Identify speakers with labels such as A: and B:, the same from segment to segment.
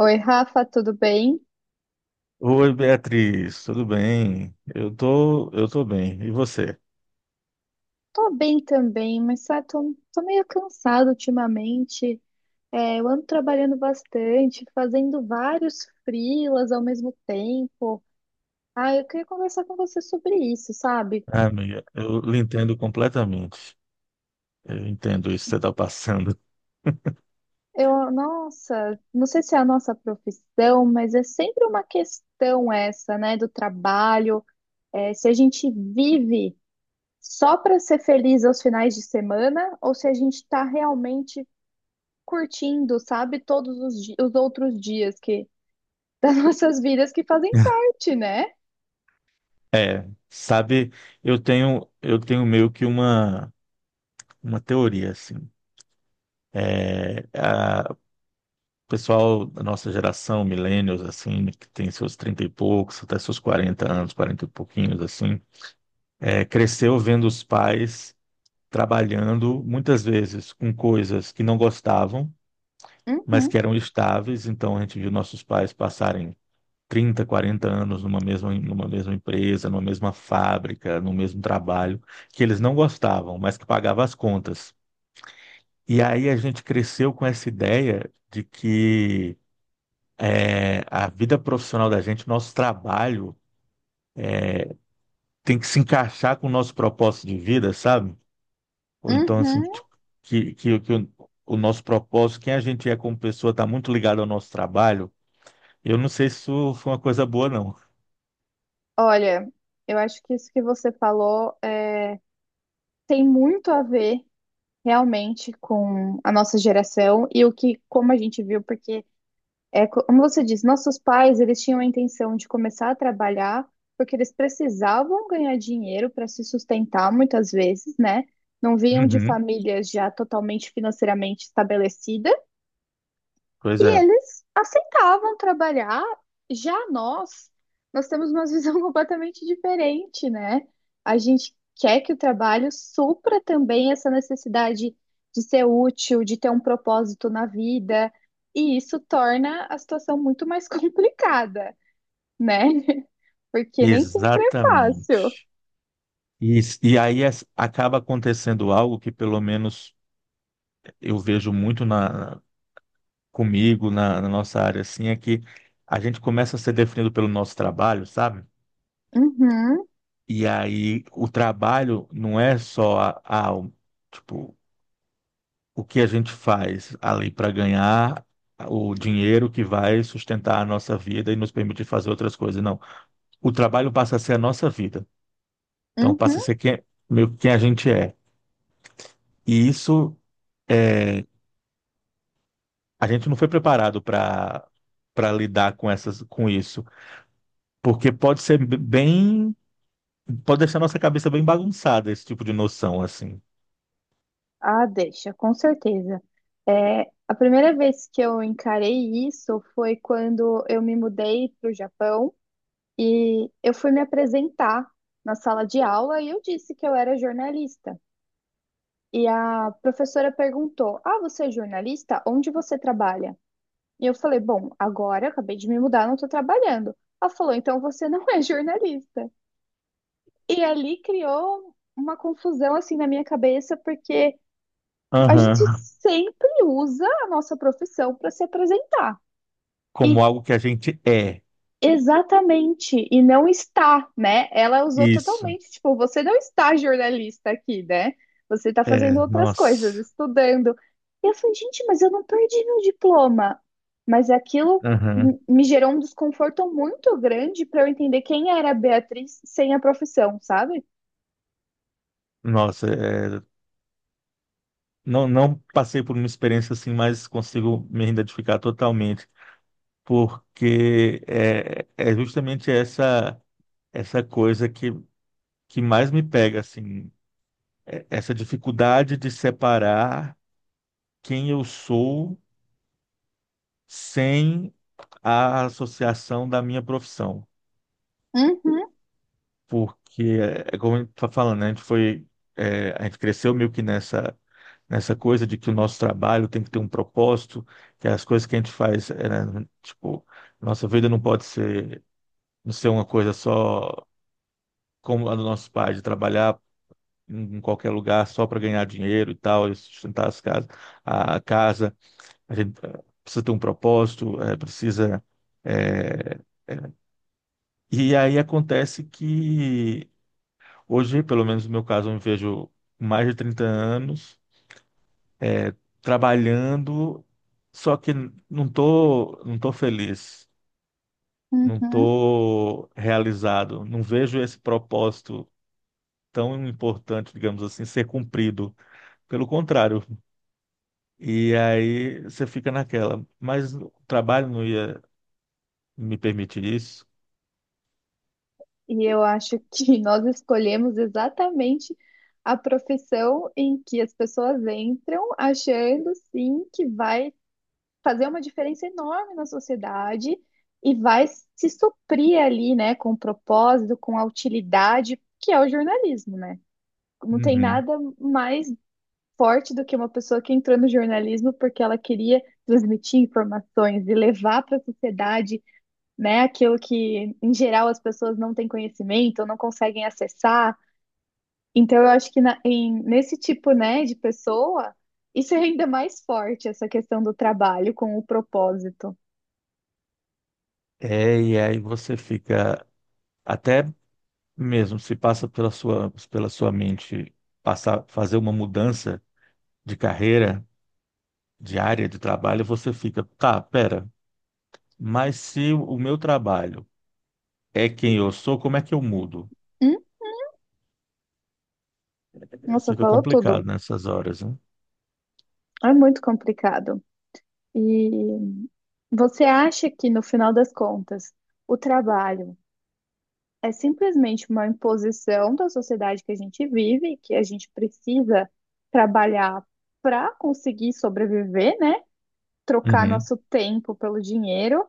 A: Oi, Rafa, tudo bem?
B: Oi, Beatriz, tudo bem? Eu tô bem. E você?
A: Tô bem também, mas sabe, tô meio cansada ultimamente. É, eu ando trabalhando bastante, fazendo vários freelas ao mesmo tempo. Ah, eu queria conversar com você sobre isso, sabe?
B: Ah, amiga, eu lhe entendo completamente. Eu entendo isso que você está passando.
A: Eu, nossa, não sei se é a nossa profissão, mas é sempre uma questão essa, né, do trabalho. É, se a gente vive só para ser feliz aos finais de semana ou se a gente está realmente curtindo, sabe, os outros dias que as nossas vidas que fazem parte, né?
B: É, sabe, eu tenho meio que uma teoria, assim. O pessoal da nossa geração, millennials, assim, né, que tem seus 30 e poucos, até seus 40 anos, 40 e pouquinhos, assim, cresceu vendo os pais trabalhando muitas vezes com coisas que não gostavam, mas
A: Uhum,
B: que eram estáveis. Então a gente viu nossos pais passarem 30, 40 anos numa mesma empresa, numa mesma fábrica, no mesmo trabalho, que eles não gostavam, mas que pagava as contas. E aí a gente cresceu com essa ideia de que a vida profissional da gente, nosso trabalho, tem que se encaixar com o nosso propósito de vida, sabe? Ou então, assim,
A: uhum.
B: tipo, que, que, que o, o nosso propósito, quem a gente é como pessoa, está muito ligado ao nosso trabalho. Eu não sei se isso foi uma coisa boa, não.
A: Olha, eu acho que isso que você falou é, tem muito a ver realmente com a nossa geração e o que, como a gente viu, porque como você disse, nossos pais eles tinham a intenção de começar a trabalhar porque eles precisavam ganhar dinheiro para se sustentar muitas vezes, né? Não vinham de
B: Uhum.
A: famílias já totalmente financeiramente estabelecidas.
B: Pois
A: E
B: é,
A: eles aceitavam trabalhar. Já nós, nós temos uma visão completamente diferente, né? A gente quer que o trabalho supra também essa necessidade de ser útil, de ter um propósito na vida, e isso torna a situação muito mais complicada, né? Porque nem sempre é fácil.
B: exatamente. E aí acaba acontecendo algo que, pelo menos, eu vejo muito comigo, na nossa área, assim, é que a gente começa a ser definido pelo nosso trabalho, sabe?
A: Uhum,
B: E aí o trabalho não é só a, o- tipo, o que a gente faz ali para ganhar o dinheiro que vai sustentar a nossa vida e nos permitir fazer outras coisas. Não. O trabalho passa a ser a nossa vida. Então passa a
A: uhum.
B: ser quem, meio que quem a gente é. E isso é, a gente não foi preparado para lidar com essas com isso, porque pode deixar nossa cabeça bem bagunçada esse tipo de noção assim.
A: Ah, deixa, com certeza. É, a primeira vez que eu encarei isso foi quando eu me mudei para o Japão e eu fui me apresentar na sala de aula e eu disse que eu era jornalista. E a professora perguntou: Ah, você é jornalista? Onde você trabalha? E eu falei: Bom, agora eu acabei de me mudar, não estou trabalhando. Ela falou: Então você não é jornalista. E ali criou uma confusão assim na minha cabeça, porque a gente
B: Aham.
A: sempre usa a nossa profissão para se apresentar.
B: Como
A: E
B: algo que a gente é.
A: exatamente, e não está, né? Ela usou
B: Isso.
A: totalmente, tipo, você não está jornalista aqui, né? Você está
B: É,
A: fazendo outras coisas,
B: nossa.
A: estudando. E eu falei, gente, mas eu não perdi meu diploma. Mas aquilo
B: Aham.
A: me gerou um desconforto muito grande para eu entender quem era a Beatriz sem a profissão, sabe?
B: Nossa, é, não passei por uma experiência assim, mas consigo me identificar totalmente, porque é justamente essa coisa que mais me pega, assim, essa dificuldade de separar quem eu sou sem a associação da minha profissão,
A: Uhum,
B: porque é como a gente está falando, né, a gente foi a gente cresceu meio que nessa nessa coisa de que o nosso trabalho tem que ter um propósito, que as coisas que a gente faz, é, né, tipo, nossa vida não pode ser, não ser uma coisa só como a dos nossos pais, de trabalhar em qualquer lugar só para ganhar dinheiro e tal, e sustentar as casas, a casa, a gente precisa ter um propósito, eh, eh, e aí acontece que hoje, pelo menos no meu caso, eu me vejo com mais de 30 anos, eh, trabalhando, só que não tô feliz, não
A: uhum.
B: tô realizado, não vejo esse propósito tão importante, digamos assim, ser cumprido. Pelo contrário. E aí você fica naquela, mas o trabalho não ia me permitir isso.
A: E eu acho que nós escolhemos exatamente a profissão em que as pessoas entram achando sim que vai fazer uma diferença enorme na sociedade e vai se suprir ali, né, com propósito, com a utilidade, que é o jornalismo, né? Não tem
B: Uhum.
A: nada mais forte do que uma pessoa que entrou no jornalismo porque ela queria transmitir informações e levar para a sociedade, né? Aquilo que, em geral, as pessoas não têm conhecimento, ou não conseguem acessar. Então, eu acho que nesse tipo, né, de pessoa, isso é ainda mais forte, essa questão do trabalho com o propósito.
B: É, e aí você fica até mesmo se passa pela sua mente passar fazer uma mudança de carreira, de área de trabalho, você fica, tá, pera, mas se o meu trabalho é quem eu sou, como é que eu mudo?
A: Hum? Nossa,
B: Fica
A: falou
B: complicado
A: tudo.
B: nessas horas, né?
A: É muito complicado. E você acha que, no final das contas, o trabalho é simplesmente uma imposição da sociedade que a gente vive, que a gente precisa trabalhar para conseguir sobreviver, né? Trocar
B: Uhum.
A: nosso tempo pelo dinheiro?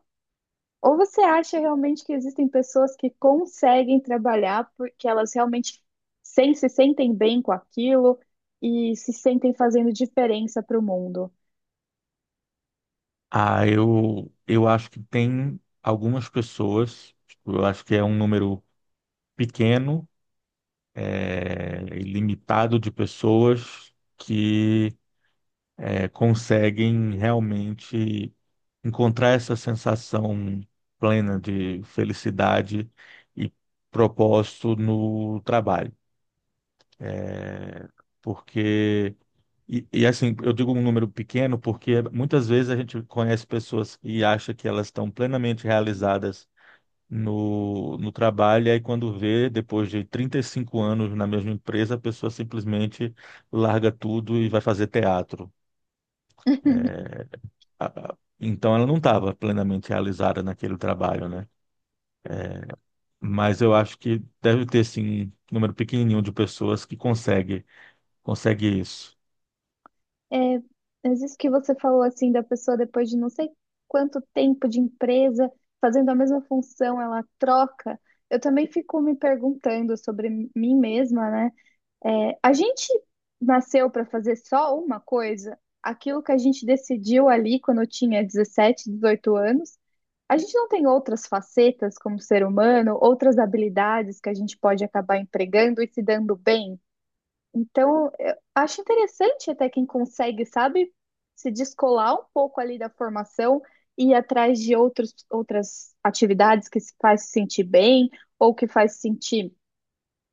A: Ou você acha realmente que existem pessoas que conseguem trabalhar porque elas realmente se sentem bem com aquilo e se sentem fazendo diferença para o mundo?
B: Ah, eu acho que tem algumas pessoas, tipo, eu acho que é um número pequeno, e limitado de pessoas que conseguem realmente encontrar essa sensação plena de felicidade e propósito no trabalho. É, porque assim, eu digo um número pequeno porque muitas vezes a gente conhece pessoas e acha que elas estão plenamente realizadas no trabalho, e aí quando vê, depois de 35 anos na mesma empresa, a pessoa simplesmente larga tudo e vai fazer teatro. A- Então ela não estava plenamente realizada naquele trabalho, né? Mas eu acho que deve ter, sim, um número pequenininho de pessoas que consegue isso.
A: É, mas isso que você falou assim da pessoa depois de não sei quanto tempo de empresa fazendo a mesma função, ela troca. Eu também fico me perguntando sobre mim mesma, né? É, a gente nasceu para fazer só uma coisa, aquilo que a gente decidiu ali quando eu tinha 17, 18 anos. A gente não tem outras facetas como ser humano, outras habilidades que a gente pode acabar empregando e se dando bem. Então, eu acho interessante até quem consegue, sabe, se descolar um pouco ali da formação e ir atrás de outras atividades que se faz se sentir bem ou que faz se sentir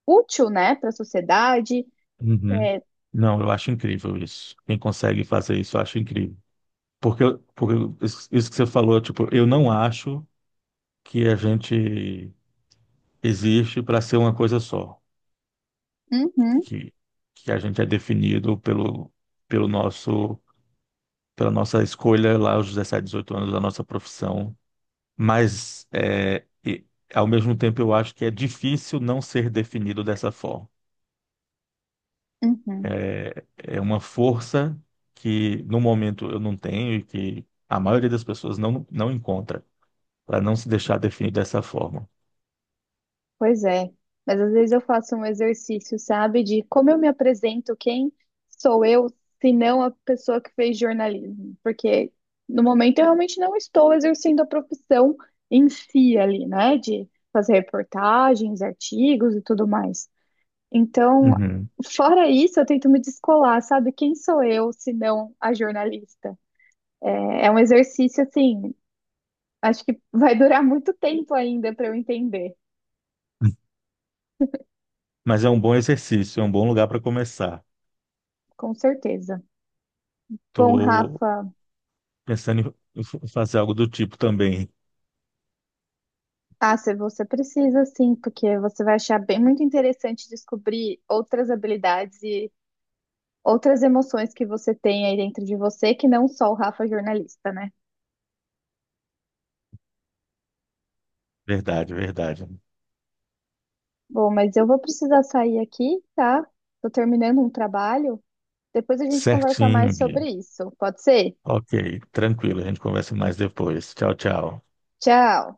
A: útil, né, para a sociedade.
B: Uhum.
A: É,
B: Não, eu acho incrível isso. Quem consegue fazer isso, eu acho incrível. Porque isso que você falou, tipo, eu não acho que a gente existe para ser uma coisa só,
A: uhum,
B: que, que a gente é definido pelo nosso, pela nossa escolha lá aos 17, 18 anos da nossa profissão. Mas, ao mesmo tempo, eu acho que é difícil não ser definido dessa forma.
A: uhum.
B: é é uma força que no momento eu não tenho e que a maioria das pessoas não encontra, para não se deixar definir dessa forma.
A: Pois é. Mas às vezes eu faço um exercício, sabe, de como eu me apresento, quem sou eu, se não a pessoa que fez jornalismo. Porque no momento eu realmente não estou exercendo a profissão em si ali, né? De fazer reportagens, artigos e tudo mais. Então,
B: Uhum.
A: fora isso, eu tento me descolar, sabe? Quem sou eu, se não a jornalista? É é um exercício, assim, acho que vai durar muito tempo ainda para eu entender.
B: Mas é um bom exercício, é um bom lugar para começar.
A: Com certeza. Bom,
B: Estou
A: Rafa,
B: pensando em fazer algo do tipo também.
A: ah, se você precisa sim, porque você vai achar bem muito interessante descobrir outras habilidades e outras emoções que você tem aí dentro de você, que não só o Rafa jornalista, né?
B: Verdade, verdade.
A: Bom, mas eu vou precisar sair aqui, tá? Tô terminando um trabalho. Depois a gente conversa
B: Certinho,
A: mais
B: Bia.
A: sobre isso. Pode ser?
B: Ok, tranquilo, a gente conversa mais depois. Tchau, tchau.
A: Tchau.